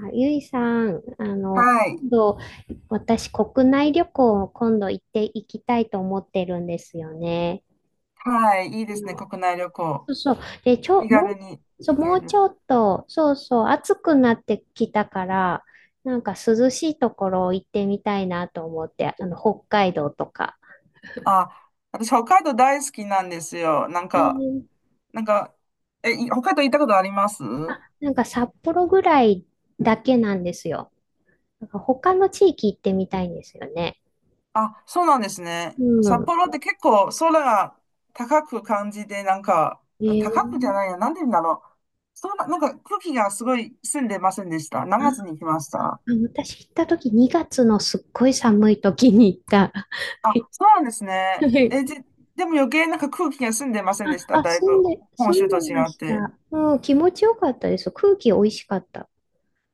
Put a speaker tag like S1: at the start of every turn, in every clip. S1: あゆいさん、
S2: はい。
S1: 今度、私、国内旅行を今度行っていきたいと思ってるんですよね。
S2: はい。いいですね、国内旅行。
S1: そうそう。で、
S2: 気
S1: も
S2: 軽に
S1: う、そう、
S2: 行
S1: も
S2: け
S1: うち
S2: る。
S1: ょっと、そうそう、暑くなってきたから、なんか涼しいところ行ってみたいなと思って、北海道とか。
S2: あ、私、北海道大好きなんですよ。
S1: えー
S2: なんか、北海道行ったことあります？
S1: なんか札幌ぐらいだけなんですよ。なんか他の地域行ってみたいんですよね。
S2: あ、そうなんです
S1: う
S2: ね。札
S1: ん。
S2: 幌って結構空が高く感じで、なんか、
S1: え
S2: 高くじゃ
S1: ー、
S2: ないや、なんて言うんだろう。なんか空気がすごい澄んでませんでした？7月
S1: あ
S2: に来ました。
S1: 私行った時、2月のすっごい寒い時に行った。
S2: あ、そうなんですね。でも余計なんか空気が澄んでませんでし
S1: あ、
S2: た？
S1: あ、
S2: だい
S1: 住ん
S2: ぶ
S1: で、
S2: 本
S1: 住
S2: 州と
S1: んでま
S2: 違っ
S1: し
S2: て。
S1: た。うん、気持ちよかったです。空気美味しかった。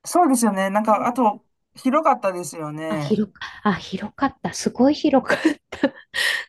S2: そうですよね。なん
S1: う
S2: か、あ
S1: ん。
S2: と、広かったですよ
S1: あ、
S2: ね。
S1: 広かった。すごい広かった。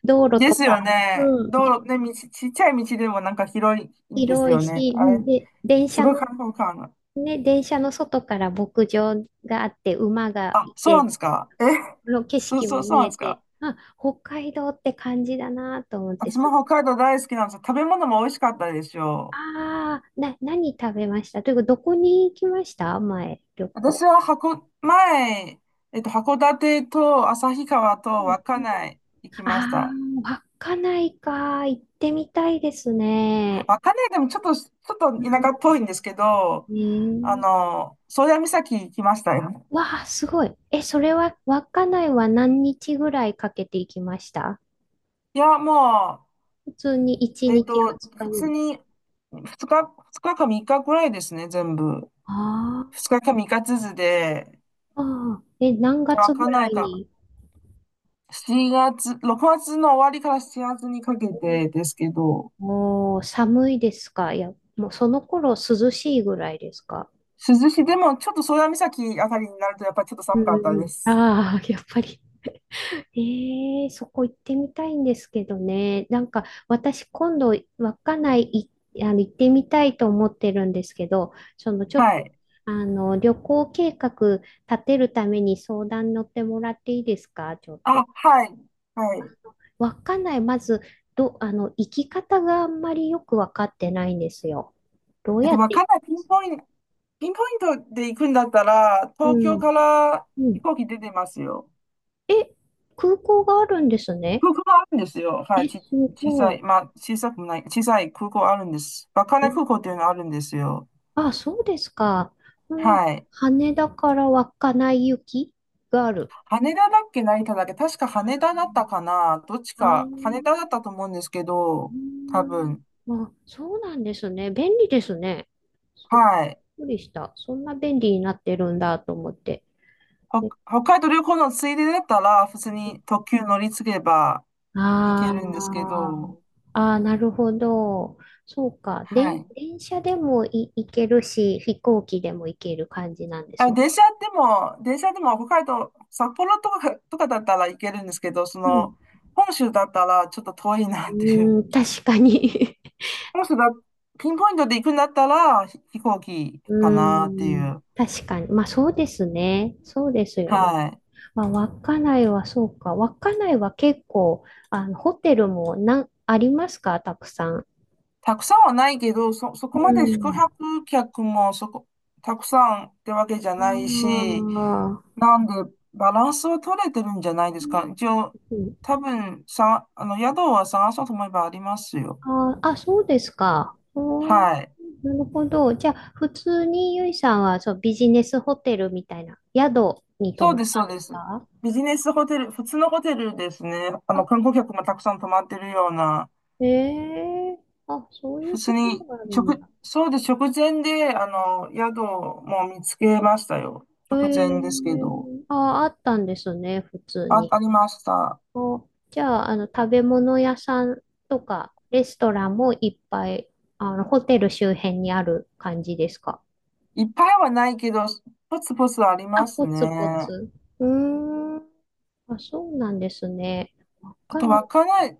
S1: 道路
S2: で
S1: とか、
S2: すよね。
S1: うん、
S2: 道
S1: で
S2: 路、ね、ちっちゃい道でもなんか広いんです
S1: 広い
S2: よね。
S1: し、
S2: あ
S1: う
S2: れ、
S1: ん、で、電
S2: す
S1: 車
S2: ごい
S1: の、
S2: 開放感が。
S1: ね、電車の外から牧場があって、馬が
S2: あ、
S1: い
S2: そうな
S1: て、
S2: んですか？え、
S1: この 景
S2: そう
S1: 色
S2: そ
S1: も
S2: う、そう
S1: 見
S2: なん
S1: え
S2: です
S1: て、
S2: か？
S1: あ、北海道って感じだなと思って、
S2: 私も
S1: す
S2: 北海道大好きなんですよ。食べ物も美味しかったでしょう。
S1: ああ、な、何食べましたというか、どこに行きました？前、旅
S2: 私
S1: 行。
S2: は前、函館と旭川
S1: う
S2: と
S1: ん
S2: 稚
S1: うん、
S2: 内行きまし
S1: あ
S2: た。
S1: あ、稚内か。行ってみたいですね。
S2: 稚内でもちょっと
S1: う
S2: 田舎っ
S1: ん、
S2: ぽいんですけど、
S1: ねえ。
S2: 宗谷岬行きましたよ。
S1: わあ、すごい。え、それは、稚内は何日ぐらいかけて行きました？
S2: いや、ま
S1: 普通に1
S2: あ、
S1: 日2日
S2: 普
S1: ぐら
S2: 通
S1: い？
S2: に、2日、二日か3日くらいですね、全部。
S1: あ
S2: 2日か3日ずつで、
S1: ーあー、え、何
S2: わ
S1: 月
S2: か
S1: ぐ
S2: んな
S1: ら
S2: い
S1: い
S2: か、
S1: に？
S2: 7月、6月の終わりから7月にかけてですけど、
S1: おー、寒いですか？いや、もうその頃涼しいぐらいですか？
S2: 涼しい、でもちょっと宗谷岬あたりになるとやっぱりちょっと
S1: うん
S2: 寒
S1: う
S2: かった
S1: んう
S2: で
S1: ん。
S2: す。
S1: ああ、やっぱり。ええ、そこ行ってみたいんですけどね。なんか、私今度、稚内い、行ってみたいと思ってるんですけど、ちょっと、
S2: はい。
S1: 旅行計画立てるために相談乗ってもらっていいですか、ちょっ
S2: あ、
S1: と？
S2: はい。はい。
S1: 稚内、まず、ど、あの、行き方があんまりよくわかってないんですよ。どうやっ
S2: わ
S1: て行
S2: かん
S1: き
S2: ない。ピ
S1: ま
S2: ン
S1: す？
S2: ポイント、ピンポイントで行くんだったら、
S1: う
S2: 東京
S1: ん、
S2: から
S1: う
S2: 飛
S1: ん。
S2: 行機出てますよ。
S1: え、空港があるんですね。
S2: 空港があるんですよ。は
S1: え、
S2: い。
S1: す
S2: 小
S1: ご
S2: さ
S1: い。
S2: い、まあ、小さくもない、小さい空港あるんです。稚内空
S1: え
S2: 港っていうのがあるんですよ。
S1: そうですか。この
S2: はい。
S1: 羽田から稚内行きがある。
S2: 羽田だっけ、成田だっけ、確か羽田だったかな。どっち
S1: ああ、う
S2: か、羽田だったと思うんですけど、多
S1: ん。
S2: 分。
S1: あ、そうなんですね。便利ですね。すっ
S2: はい。
S1: くりした。そんな便利になってるんだと思って。え
S2: 北海道旅行のついでだったら、普通に特急乗り継げば行け
S1: あ
S2: るんですけ
S1: ー
S2: ど、
S1: あー、なるほど。そうか。
S2: は
S1: 電
S2: い。
S1: 電車でも行けるし、飛行機でも行ける感じなんです
S2: あ、
S1: ね。
S2: 電車でも北海道、札幌とかだったら行けるんですけど、そ
S1: う
S2: の、
S1: ん。
S2: 本州だったらちょっと遠いなっていう。
S1: うーん、確かに。
S2: もしばピンポイントで行くんだったら、飛行機
S1: う
S2: かなってい
S1: ーん。
S2: う。
S1: 確かに。まあそうですね。そうですよね。
S2: はい。
S1: まあ稚内はそうか。稚内は結構、ホテルもありますか、たくさん？
S2: たくさんはないけど、そ
S1: う
S2: こまで宿
S1: ん。
S2: 泊客もたくさんってわけじゃない
S1: あ
S2: し、
S1: あ。
S2: なんでバランスを取れてるんじゃないで
S1: う
S2: すか？一応、
S1: ん、
S2: 多分さ、宿は探そうと思えばありますよ。
S1: そうですか。おー、
S2: はい。
S1: なるほど。じゃあ、普通にゆいさんはそう、ビジネスホテルみたいな宿に泊
S2: そう
S1: まっ
S2: です、
S1: た
S2: そ
S1: ん
S2: う
S1: で
S2: で
S1: す
S2: す。
S1: か？
S2: ビジネスホテル、普通のホテルですね。
S1: あ、
S2: 観光客もたくさん泊まってるような。
S1: ええ、あ、そういう
S2: 別
S1: とこ
S2: に、
S1: ろがあるん
S2: 直、
S1: だ。
S2: そうです。直前で、宿も見つけましたよ。直前ですけど。
S1: あ、あったんですね、普通
S2: あ、
S1: に。
S2: ありました。
S1: お、じゃあ、食べ物屋さんとか、レストランもいっぱい、ホテル周辺にある感じですか？
S2: いっぱいはないけど、ポツポツあり
S1: あ、
S2: ます
S1: ポツポ
S2: ね。
S1: ツ。うーん。あ、そうなんですね。わ
S2: あ
S1: か
S2: と、
S1: んない。
S2: わかない、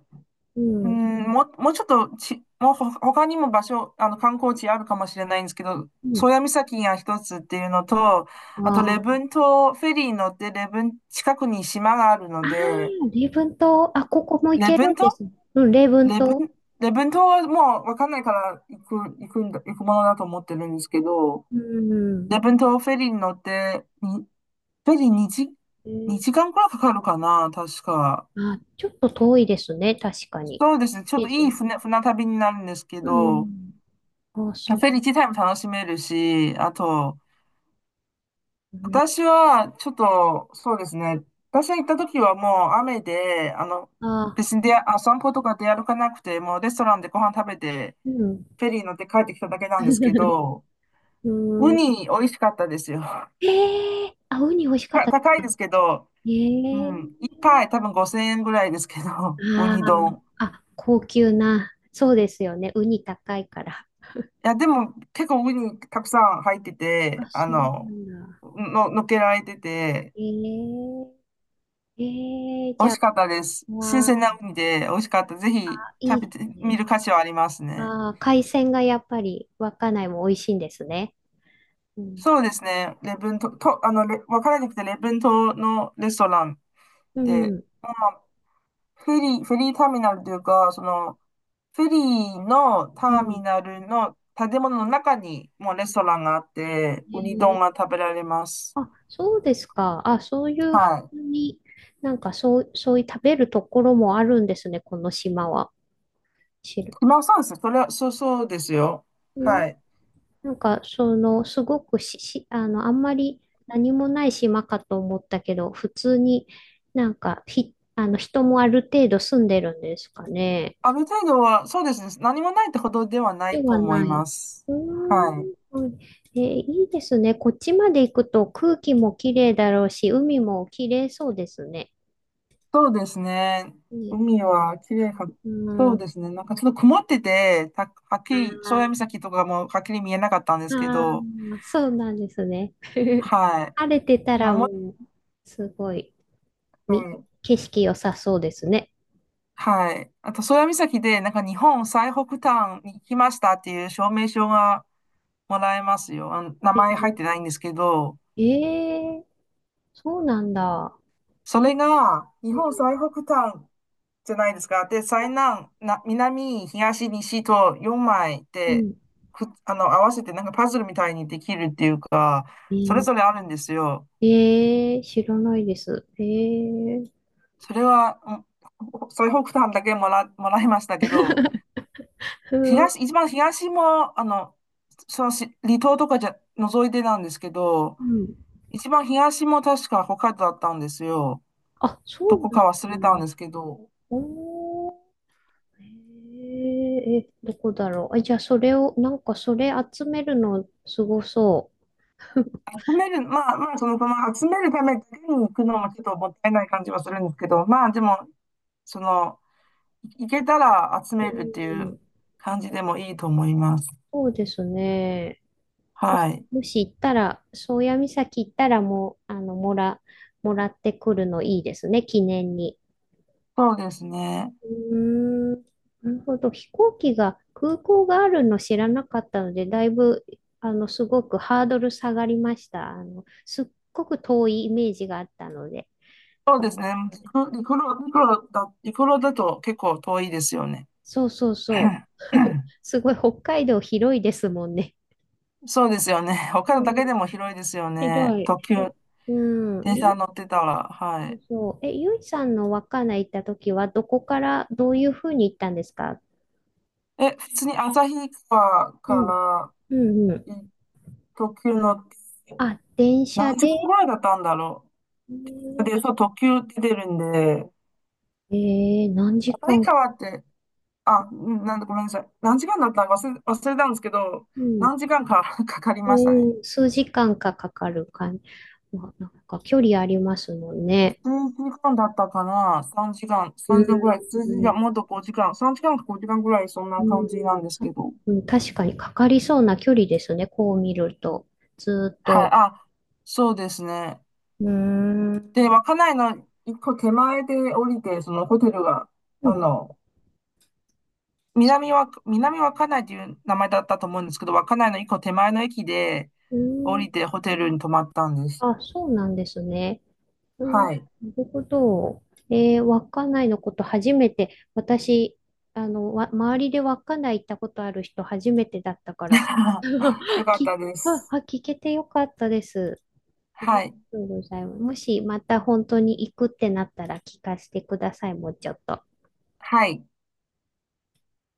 S1: う
S2: う
S1: ん。
S2: ん、もうちょっとち、もうほ他にも場所、観光地あるかもしれないんですけど、
S1: う
S2: 宗
S1: ん。
S2: 谷岬が一つっていうのと、
S1: あ
S2: あと、礼
S1: ー
S2: 文島、フェリーに乗って、近くに島があるの
S1: あ
S2: で、
S1: 礼文島。あ、ここも行
S2: 礼
S1: けるん
S2: 文島
S1: ですね。うん、礼文
S2: 礼文、
S1: 島。
S2: 礼文島はもうわかんないから行くものだと思ってるんですけど、
S1: う
S2: 礼
S1: ん。
S2: 文島フェリーに乗って、フェリー
S1: えー
S2: 2時間くらいかかるかな、確か。
S1: あ、ちょっと遠いですね、確かに。
S2: そうですね、ちょっ
S1: 地
S2: といい
S1: 図。
S2: 船旅になるんですけ
S1: う
S2: ど、
S1: ん。あ、
S2: フ
S1: そう。
S2: ェリー自体も楽しめるし、あと、
S1: うん、
S2: 私はちょっと、そうですね、私が行った時はもう雨で、
S1: あ、
S2: 別に散歩とか出歩かなくて、もうレストランでご飯食べて、
S1: うん。
S2: フェリー乗って帰ってきただけなんですけ ど、
S1: う
S2: ウ
S1: ーん。
S2: ニ美味しかったですよ。
S1: ええ、あ、ウニ美味しかったです
S2: 高い
S1: か？
S2: ですけど、
S1: え
S2: うん。
S1: え、
S2: 一杯多分5000円ぐらいですけど、ウ
S1: あ
S2: ニ丼。
S1: あ、あ、高級な。そうですよね。ウニ高いから。
S2: いや、でも結構ウニたくさん入って
S1: あ、
S2: て、
S1: そうなんだ。
S2: のっけられてて、
S1: ええええ、
S2: 美
S1: じ
S2: 味
S1: ゃ
S2: しかった
S1: あ、
S2: です。新鮮
S1: わ
S2: なウニで美味しかった。ぜひ
S1: あ、いい
S2: 食べ
S1: で
S2: て
S1: す
S2: み
S1: ね。
S2: る価値はありますね。
S1: ああ、海鮮がやっぱり稚内も美味しいんですね。うん。
S2: そうですね。レブン島、と、わからなくて、レブン島のレストラン
S1: う
S2: で、
S1: ん。
S2: まあ、フェリーターミナルというか、その、フェリーのタ
S1: う
S2: ーミ
S1: ん。
S2: ナルの建物の中にもうレストランがあって、ウニ丼
S1: え
S2: が
S1: え、
S2: 食べられます。
S1: あ、そうですか。あ、そういうふ
S2: は
S1: う
S2: い。
S1: に、なんかそう、そういう食べるところもあるんですね、この島は。知る。
S2: 今そうですね。それは、そうそうですよ。
S1: ん
S2: はい。
S1: なんか、すごくし、し、あの、あんまり何もない島かと思ったけど、普通になんか、ひ、あの、人もある程度住んでるんですかね。
S2: ある程度は、そうですね。何もないってほどではな
S1: で
S2: いと
S1: は
S2: 思
S1: な
S2: い
S1: い。
S2: ます。
S1: うーん。
S2: はい。
S1: はい、いいですね。こっちまで行くと空気もきれいだろうし、海もきれいそうですね。
S2: そうですね。
S1: ね、
S2: 海は綺麗か、
S1: う
S2: そうで
S1: ん。
S2: すね。なんかちょっと曇ってて、はっき
S1: あ
S2: り、宗谷
S1: ー
S2: 岬とかもはっきり見えなかったんですけ
S1: あ
S2: ど、
S1: あ、そうなんですね。
S2: はい。
S1: 晴れてた
S2: でも
S1: ら
S2: も、
S1: もう、すごい、
S2: は
S1: み、
S2: い
S1: 景色良さそうですね。
S2: はい。あと、宗谷岬で、なんか日本最北端に来ましたっていう証明書がもらえますよ。あの名
S1: え
S2: 前入って
S1: ー、
S2: ないんですけど、
S1: えー、そうなんだ。
S2: それが日本最北端じゃないですか。で、最南、な、南、東、西と4枚
S1: う
S2: で、
S1: ん。
S2: く、あの、合わせてなんかパズルみたいにできるっていうか、
S1: え
S2: それ
S1: ー、
S2: ぞれあるんですよ。
S1: えー知らないです。えー、
S2: それは、うん、最北端だけもらいましたけど、
S1: ふー、
S2: 一番東も、あの、そのし離島とかじゃ、覗いてなんですけど、
S1: うん。
S2: 一番東も確か北海道だったんですよ。
S1: あ、そ
S2: ど
S1: うなん
S2: こ
S1: だ
S2: か忘れたん
S1: な。
S2: ですけど、
S1: おー、えー、え、どこだろう。あ、じゃあ、それを、なんか、それ集めるの、すごそ
S2: 集める、まあまあ、その、まあ、集めるためだけに行くのもちょっともったいない感じはするんですけど、まあでも、その、行けたら集
S1: う。
S2: めるってい
S1: う
S2: う
S1: ん、
S2: 感じでもいいと思います。
S1: そうですね。もし、
S2: はい。
S1: もし行ったら、宗谷岬行ったらもう、もらってくるのいいですね、記念に。
S2: そうですね。
S1: うーん、なるほど。飛行機が、空港があるの知らなかったので、だいぶ、すごくハードル下がりました。すっごく遠いイメージがあったので。
S2: そう
S1: あ、
S2: ですね。陸路だと結構遠いですよね。
S1: そうそうそ う。すごい、北海道広いですもんね。
S2: そうですよね。北
S1: う
S2: 海だ
S1: ん、
S2: けでも広いですよね。
S1: 広い。
S2: 特急、
S1: え、う
S2: 電
S1: ん、
S2: 車乗ってたら。は
S1: そう
S2: い。
S1: そう。え、ゆいさんの稚内行った時は、どこからどういうふうに行ったんですか？
S2: え、普通に旭川か
S1: うん、うんうん。
S2: らい特急乗って、
S1: あ、電車
S2: 何時間
S1: で、
S2: ぐらいだったんだろ
S1: え
S2: う。
S1: ー、
S2: で、そう、特急出るんで、
S1: えー何時
S2: 旭
S1: 間、
S2: 川って、あ、んなんだ、ごめんなさい。何時間だったか忘れたんですけど、
S1: うん、
S2: 何時間か かかりましたね。
S1: うん、数時間かかかるか、まあ、なんか距離ありますもんね。
S2: 数時間だったかな？ 3 時間、
S1: う
S2: 3
S1: ん、
S2: 時間ぐらい、数
S1: う
S2: 時間、もっ
S1: ん
S2: と5時間、3時間か5時間ぐらい、そん
S1: う
S2: な
S1: ん、
S2: 感じなんです
S1: あ、
S2: けど。
S1: うん、確かにかかりそうな距離ですね、こう見ると。ずーっ
S2: はい、
S1: と。
S2: あ、そうですね。
S1: うーん。
S2: で、稚内の一個手前で降りて、そのホテルが、
S1: う
S2: あ
S1: ん、
S2: の、
S1: そ
S2: 南稚内という名前だったと思うんですけど、稚内の一個手前の駅で
S1: う、
S2: 降
S1: ん
S2: りてホテルに泊まったんです。
S1: あ、そうなんですね。うん、な
S2: はい。
S1: るほど。えー、稚内のこと初めて、私、周りで稚内行ったことある人初めてだったから、
S2: よ かっ
S1: き、
S2: たで
S1: あ、
S2: す。
S1: あ、聞けてよかったです。あり
S2: は
S1: が
S2: い。
S1: とうございます。もしまた本当に行くってなったら聞かせてください、もうちょっと。
S2: はい。